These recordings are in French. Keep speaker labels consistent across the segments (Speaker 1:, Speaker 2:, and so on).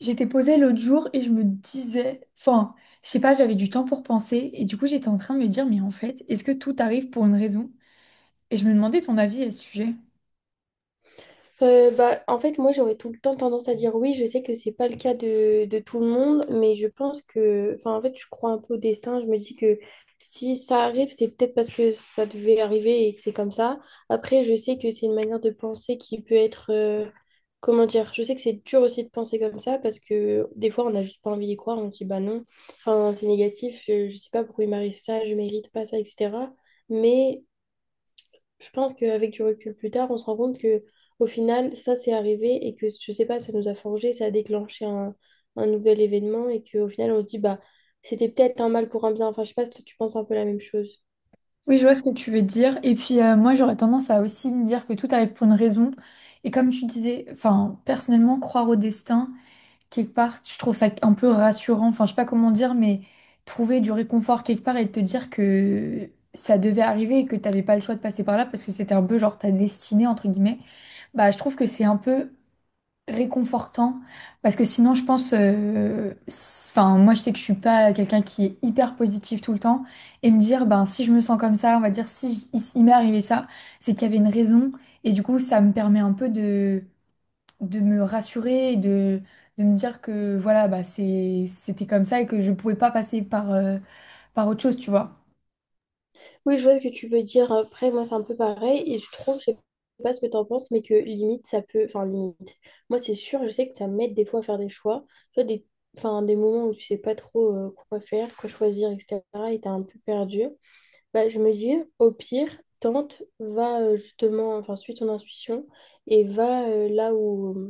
Speaker 1: J'étais posée l'autre jour et je me disais, enfin, je sais pas, j'avais du temps pour penser et du coup j'étais en train de me dire, mais en fait, est-ce que tout arrive pour une raison? Et je me demandais ton avis à ce sujet.
Speaker 2: Bah, en fait, moi, j'aurais tout le temps tendance à dire oui. Je sais que c'est pas le cas de tout le monde, mais je pense que, enfin, en fait, je crois un peu au destin. Je me dis que si ça arrive, c'est peut-être parce que ça devait arriver et que c'est comme ça. Après, je sais que c'est une manière de penser qui peut être, comment dire, je sais que c'est dur aussi de penser comme ça parce que des fois, on n'a juste pas envie d'y croire. On se dit, bah non, enfin, c'est négatif. Je sais pas pourquoi il m'arrive ça, je mérite pas ça, etc. Mais je pense qu'avec du recul plus tard, on se rend compte que au final, ça c'est arrivé et que je sais pas, ça nous a forgé, ça a déclenché un nouvel événement et qu'au final, on se dit bah c'était peut-être un mal pour un bien. Enfin, je sais pas si toi, tu penses un peu la même chose.
Speaker 1: Oui, je vois ce que tu veux dire. Et puis moi j'aurais tendance à aussi me dire que tout arrive pour une raison. Et comme tu disais, enfin, personnellement, croire au destin quelque part. Je trouve ça un peu rassurant, enfin je sais pas comment dire, mais trouver du réconfort quelque part et te dire que ça devait arriver et que t'avais pas le choix de passer par là parce que c'était un peu genre ta destinée entre guillemets, bah je trouve que c'est un peu réconfortant parce que sinon je pense, enfin moi je sais que je suis pas quelqu'un qui est hyper positif tout le temps et me dire ben si je me sens comme ça, on va dire si j- il m'est arrivé ça, c'est qu'il y avait une raison et du coup ça me permet un peu de me rassurer et de me dire que voilà, bah, c'était comme ça et que je pouvais pas passer par, par autre chose, tu vois.
Speaker 2: Oui, je vois ce que tu veux dire. Après, moi, c'est un peu pareil et je trouve, je sais pas ce que tu en penses, mais que limite, ça peut, enfin limite. Moi, c'est sûr, je sais que ça m'aide des fois à faire des choix, tu vois, des, enfin, des moments où tu sais pas trop quoi faire, quoi choisir, etc. Et t'es un peu perdu. Bah, je me dis, au pire, tente, va justement, enfin, suis ton intuition et va là où,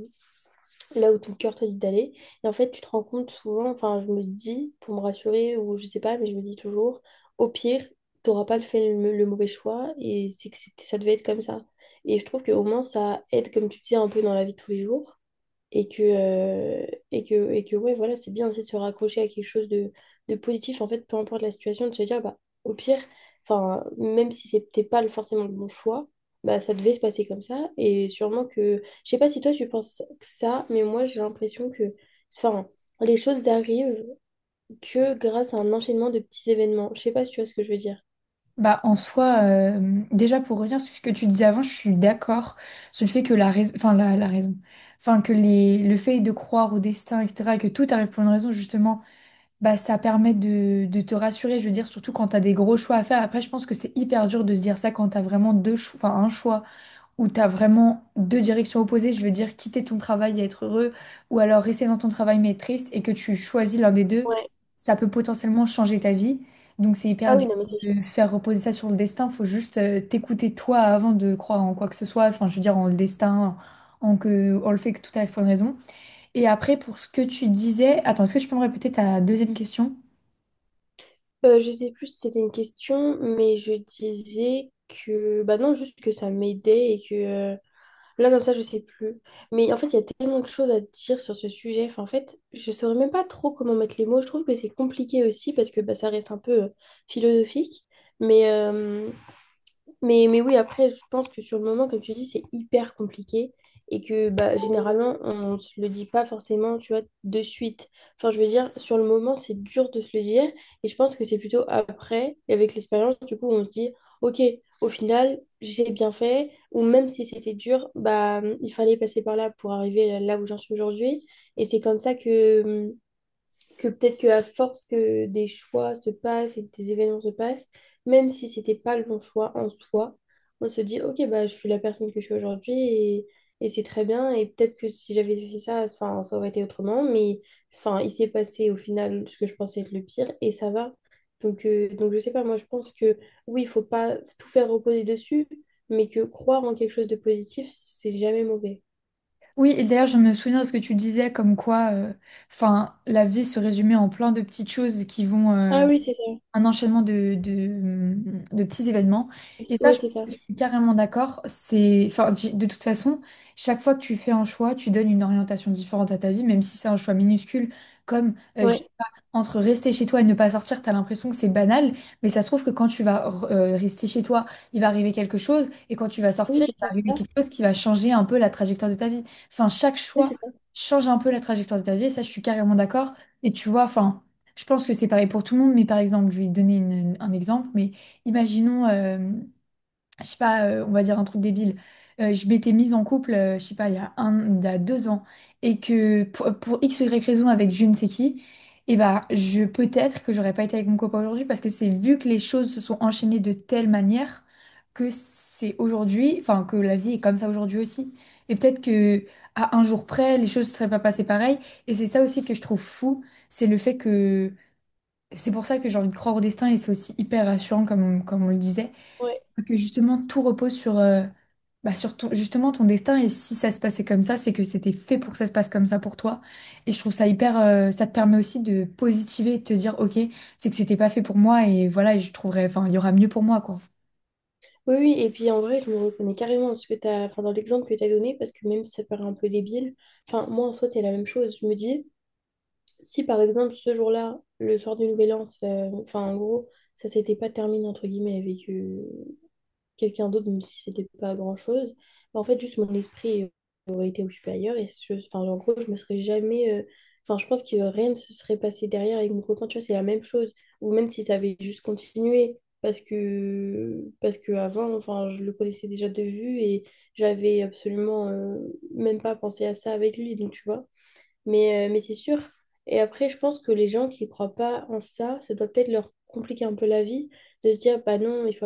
Speaker 2: là où ton cœur te dit d'aller. Et en fait, tu te rends compte souvent, enfin, je me dis, pour me rassurer, ou je sais pas, mais je me dis toujours, au pire, t'auras pas fait le mauvais choix et c'est que ça devait être comme ça. Et je trouve que au moins, ça aide, comme tu dis, un peu dans la vie de tous les jours et que, euh, et que ouais, voilà, c'est bien aussi de se raccrocher à quelque chose de positif, en fait, peu importe la situation, de se dire, bah, au pire, enfin, même si c'était pas forcément le bon choix, bah, ça devait se passer comme ça, et sûrement que, je sais pas si toi tu penses que ça, mais moi j'ai l'impression que, enfin, les choses arrivent que grâce à un enchaînement de petits événements, je sais pas si tu vois ce que je veux dire.
Speaker 1: Bah, en soi, déjà pour revenir sur ce que tu disais avant, je suis d'accord sur le fait que la raison, enfin le fait de croire au destin, etc., et que tout arrive pour une raison, justement, bah ça permet de te rassurer, je veux dire, surtout quand t'as des gros choix à faire. Après, je pense que c'est hyper dur de se dire ça quand t'as vraiment deux choix, enfin un choix où tu as vraiment deux directions opposées, je veux dire quitter ton travail et être heureux, ou alors rester dans ton travail mais être triste, et que tu choisis l'un des deux,
Speaker 2: Ouais.
Speaker 1: ça peut potentiellement changer ta vie. Donc c'est
Speaker 2: Ah
Speaker 1: hyper
Speaker 2: oui,
Speaker 1: dur
Speaker 2: non, mais c'est sûr.
Speaker 1: de faire reposer ça sur le destin, faut juste t'écouter toi avant de croire en quoi que ce soit, enfin je veux dire en le destin, en que on le fait que tout arrive pour une raison. Et après pour ce que tu disais, attends, est-ce que tu peux me répéter ta deuxième question?
Speaker 2: Je sais plus si c'était une question, mais je disais que, bah non, juste que ça m'aidait et que, là, comme ça, je sais plus. Mais en fait, il y a tellement de choses à dire sur ce sujet. Enfin, en fait, je saurais même pas trop comment mettre les mots. Je trouve que c'est compliqué aussi parce que bah, ça reste un peu philosophique. Mais, euh, mais oui, après, je pense que sur le moment, comme tu dis, c'est hyper compliqué et que bah, généralement, on ne se le dit pas forcément, tu vois, de suite. Enfin, je veux dire, sur le moment, c'est dur de se le dire et je pense que c'est plutôt après, et avec l'expérience, du coup, on se dit, OK, au final, j'ai bien fait ou même si c'était dur, bah, il fallait passer par là pour arriver là où j'en suis aujourd'hui et c'est comme ça que peut-être que à force que des choix se passent et que des événements se passent, même si c'était pas le bon choix en soi, on se dit ok bah je suis la personne que je suis aujourd'hui et c'est très bien et peut-être que si j'avais fait ça, enfin ça aurait été autrement, mais enfin il s'est passé au final ce que je pensais être le pire et ça va. Donc je sais pas, moi je pense que oui il faut pas tout faire reposer dessus, mais que croire en quelque chose de positif c'est jamais mauvais.
Speaker 1: Oui, et d'ailleurs, je me souviens de ce que tu disais, comme quoi, enfin, la vie se résumait en plein de petites choses qui vont,
Speaker 2: Ah oui
Speaker 1: un enchaînement de petits événements. Et ça, je pense
Speaker 2: c'est ça,
Speaker 1: que je suis carrément d'accord. De toute façon, chaque fois que tu fais un choix, tu donnes une orientation différente à ta vie, même si c'est un choix minuscule, comme je
Speaker 2: ouais
Speaker 1: sais pas, entre rester chez toi et ne pas sortir, tu as l'impression que c'est banal, mais ça se trouve que quand tu vas rester chez toi, il va arriver quelque chose, et quand tu vas
Speaker 2: oui
Speaker 1: sortir,
Speaker 2: c'est
Speaker 1: il va
Speaker 2: ça,
Speaker 1: arriver quelque chose qui va changer un peu la trajectoire de ta vie. Enfin, chaque
Speaker 2: oui
Speaker 1: choix
Speaker 2: c'est ça,
Speaker 1: change un peu la trajectoire de ta vie, et ça, je suis carrément d'accord. Et tu vois, enfin, je pense que c'est pareil pour tout le monde, mais par exemple, je vais donner un exemple, mais imaginons, je sais pas, on va dire un truc débile. Je m'étais mise en couple, je sais pas, il y a 2 ans, et que pour X ou Y raison avec je ne sais qui, et bah, je peut-être que j'aurais pas été avec mon copain aujourd'hui parce que c'est vu que les choses se sont enchaînées de telle manière que c'est aujourd'hui, enfin que la vie est comme ça aujourd'hui aussi. Et peut-être que à un jour près, les choses ne seraient pas passées pareil. Et c'est ça aussi que je trouve fou, c'est le fait que c'est pour ça que j'ai envie de croire au destin et c'est aussi hyper rassurant comme on le disait,
Speaker 2: ouais.
Speaker 1: que justement tout repose sur, bah, sur justement ton destin et si ça se passait comme ça, c'est que c'était fait pour que ça se passe comme ça pour toi. Et je trouve ça hyper, ça te permet aussi de positiver et de te dire ok, c'est que c'était pas fait pour moi et voilà, et je trouverai, enfin il y aura mieux pour moi quoi.
Speaker 2: Oui, oui, et puis en vrai, je me reconnais carrément dans ce que t'as, enfin, dans l'exemple que tu as donné, parce que même si ça paraît un peu débile, enfin, moi en soi, c'est la même chose. Je me dis, si par exemple ce jour-là, le soir du Nouvel An, enfin, en gros, ça s'était pas terminé entre guillemets avec, quelqu'un d'autre, même si c'était pas grand-chose. Mais en fait, juste mon esprit aurait été occupé ailleurs. Et enfin, en gros, je me serais jamais. Enfin, je pense que rien ne se serait passé derrière avec mon copain. Tu vois, c'est la même chose. Ou même si ça avait juste continué. Parce que avant, enfin, je le connaissais déjà de vue et j'avais absolument même pas pensé à ça avec lui. Donc, tu vois. Mais c'est sûr. Et après, je pense que les gens qui croient pas en ça, ça doit peut-être leur compliquer un peu la vie de se dire, bah non, il faut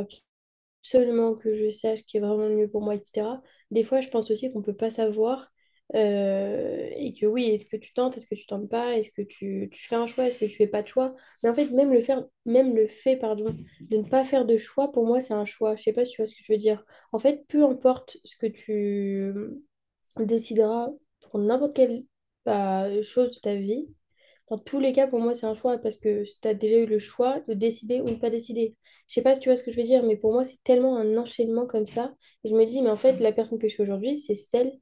Speaker 2: absolument que je sache ce qui est vraiment le mieux pour moi, etc. Des fois, je pense aussi qu'on ne peut pas savoir et que oui, est-ce que tu tentes, est-ce que tu tentes pas, est-ce que tu fais un choix, est-ce que tu fais pas de choix. Mais en fait, même le faire, même le fait, pardon, de ne pas faire de choix, pour moi, c'est un choix. Je sais pas si tu vois ce que je veux dire. En fait, peu importe ce que tu décideras pour n'importe quelle bah, chose de ta vie, dans tous les cas, pour moi, c'est un choix parce que tu as déjà eu le choix de décider ou ne pas décider. Je sais pas si tu vois ce que je veux dire, mais pour moi, c'est tellement un enchaînement comme ça. Et je me dis, mais en fait, la personne que je suis aujourd'hui, c'est celle,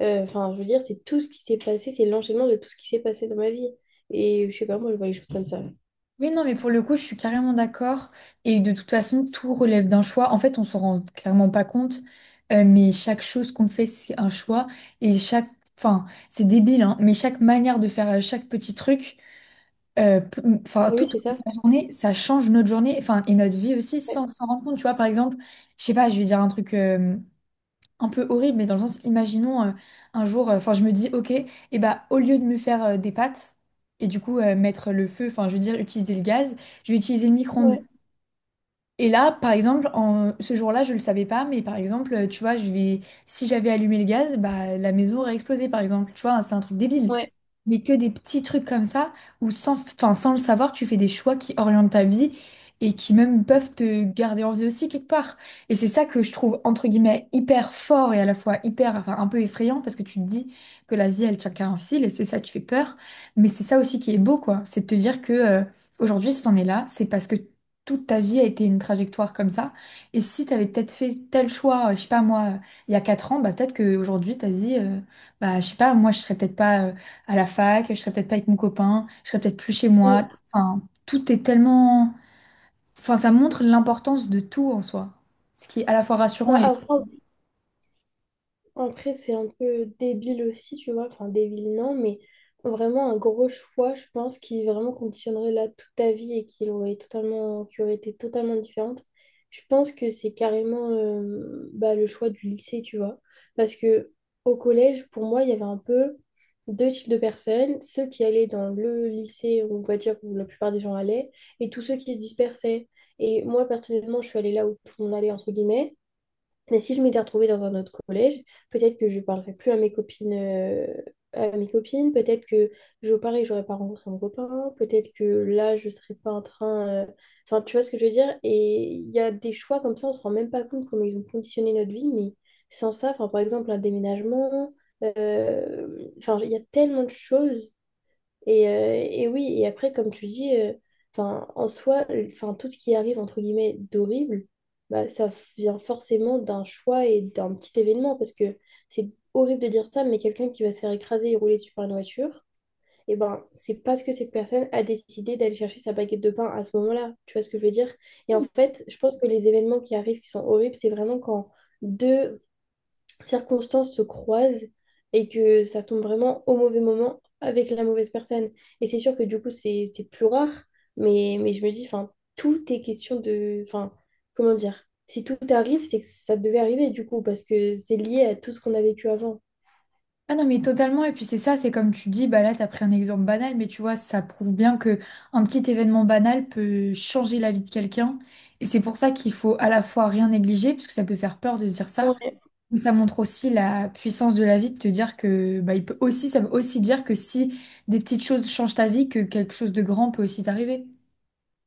Speaker 2: enfin, je veux dire, c'est tout ce qui s'est passé, c'est l'enchaînement de tout ce qui s'est passé dans ma vie. Et je sais pas, moi, je vois les choses comme ça.
Speaker 1: Oui, non, mais pour le coup, je suis carrément d'accord. Et de toute façon, tout relève d'un choix. En fait, on s'en rend clairement pas compte, mais chaque chose qu'on fait, c'est un choix. Et c'est débile, hein, mais chaque manière de faire chaque petit truc,
Speaker 2: Oui,
Speaker 1: toute
Speaker 2: c'est ça.
Speaker 1: la journée, ça change notre journée, enfin, et notre vie aussi,
Speaker 2: Ouais.
Speaker 1: sans s'en rendre compte. Tu vois, par exemple, je sais pas, je vais dire un truc un peu horrible, mais dans le sens, imaginons un jour, enfin je me dis, ok, et bah au lieu de me faire des pâtes et du coup mettre le feu, enfin je veux dire utiliser le gaz, je vais utiliser le micro-ondes.
Speaker 2: Ouais.
Speaker 1: Et là, par exemple, en... ce jour-là, je le savais pas, mais par exemple, tu vois, je vais... si j'avais allumé le gaz, bah, la maison aurait explosé, par exemple. Tu vois, c'est un truc débile.
Speaker 2: Ouais.
Speaker 1: Mais que des petits trucs comme ça, où sans le savoir, tu fais des choix qui orientent ta vie et qui même peuvent te garder en vie aussi quelque part. Et c'est ça que je trouve, entre guillemets, hyper fort et à la fois hyper, enfin, un peu effrayant, parce que tu te dis que la vie, elle tient qu'à un fil, et c'est ça qui fait peur. Mais c'est ça aussi qui est beau, quoi. C'est de te dire que... aujourd'hui, si t'en es là, c'est parce que toute ta vie a été une trajectoire comme ça. Et si tu avais peut-être fait tel choix, je sais pas moi, il y a 4 ans, bah peut-être qu'aujourd'hui, tu as dit, bah je sais pas, moi je serais peut-être pas à la fac, je serais peut-être pas avec mon copain, je serais peut-être plus chez
Speaker 2: Mm.
Speaker 1: moi. Enfin, tout est tellement... Enfin, ça montre l'importance de tout en soi. Ce qui est à la fois rassurant.
Speaker 2: Bah, après, c'est un peu débile aussi, tu vois. Enfin, débile, non, mais vraiment un gros choix, je pense, qui vraiment conditionnerait là toute ta vie et qui aurait totalement, qui aurait été totalement différente. Je pense que c'est carrément bah, le choix du lycée, tu vois. Parce que au collège, pour moi, il y avait un peu deux types de personnes, ceux qui allaient dans le lycée, on va dire, où la plupart des gens allaient, et tous ceux qui se dispersaient. Et moi, personnellement, je suis allée là où tout le monde allait, entre guillemets. Mais si je m'étais retrouvée dans un autre collège, peut-être que je ne parlerais plus à mes copines. Peut-être que je, pareil, j'aurais pas rencontré mon copain. Peut-être que là, je ne serais pas en train. Enfin, tu vois ce que je veux dire? Et il y a des choix comme ça, on ne se rend même pas compte comment ils ont conditionné notre vie. Mais sans ça, enfin, par exemple, un déménagement. euh, Enfin, il y a tellement de choses et oui, et après, comme tu dis, 'fin, en soi, enfin, tout ce qui arrive, entre guillemets, d'horrible, bah, ça vient forcément d'un choix et d'un petit événement, parce que c'est horrible de dire ça, mais quelqu'un qui va se faire écraser et rouler dessus par une voiture, et ben, c'est parce que cette personne a décidé d'aller chercher sa baguette de pain à ce moment-là. Tu vois ce que je veux dire? Et en fait, je pense que les événements qui arrivent, qui sont horribles, c'est vraiment quand deux circonstances se croisent et que ça tombe vraiment au mauvais moment avec la mauvaise personne. Et c'est sûr que du coup, c'est plus rare, mais je me dis, enfin, tout est question de... Enfin, comment dire? Si tout arrive, c'est que ça devait arriver du coup, parce que c'est lié à tout ce qu'on a vécu avant.
Speaker 1: Ah non mais totalement et puis c'est ça, c'est comme tu dis, bah là t'as pris un exemple banal mais tu vois ça prouve bien que un petit événement banal peut changer la vie de quelqu'un et c'est pour ça qu'il faut à la fois rien négliger parce que ça peut faire peur de se dire ça,
Speaker 2: Ouais.
Speaker 1: mais ça montre aussi la puissance de la vie de te dire que bah il peut aussi, ça veut aussi dire que si des petites choses changent ta vie, que quelque chose de grand peut aussi t'arriver.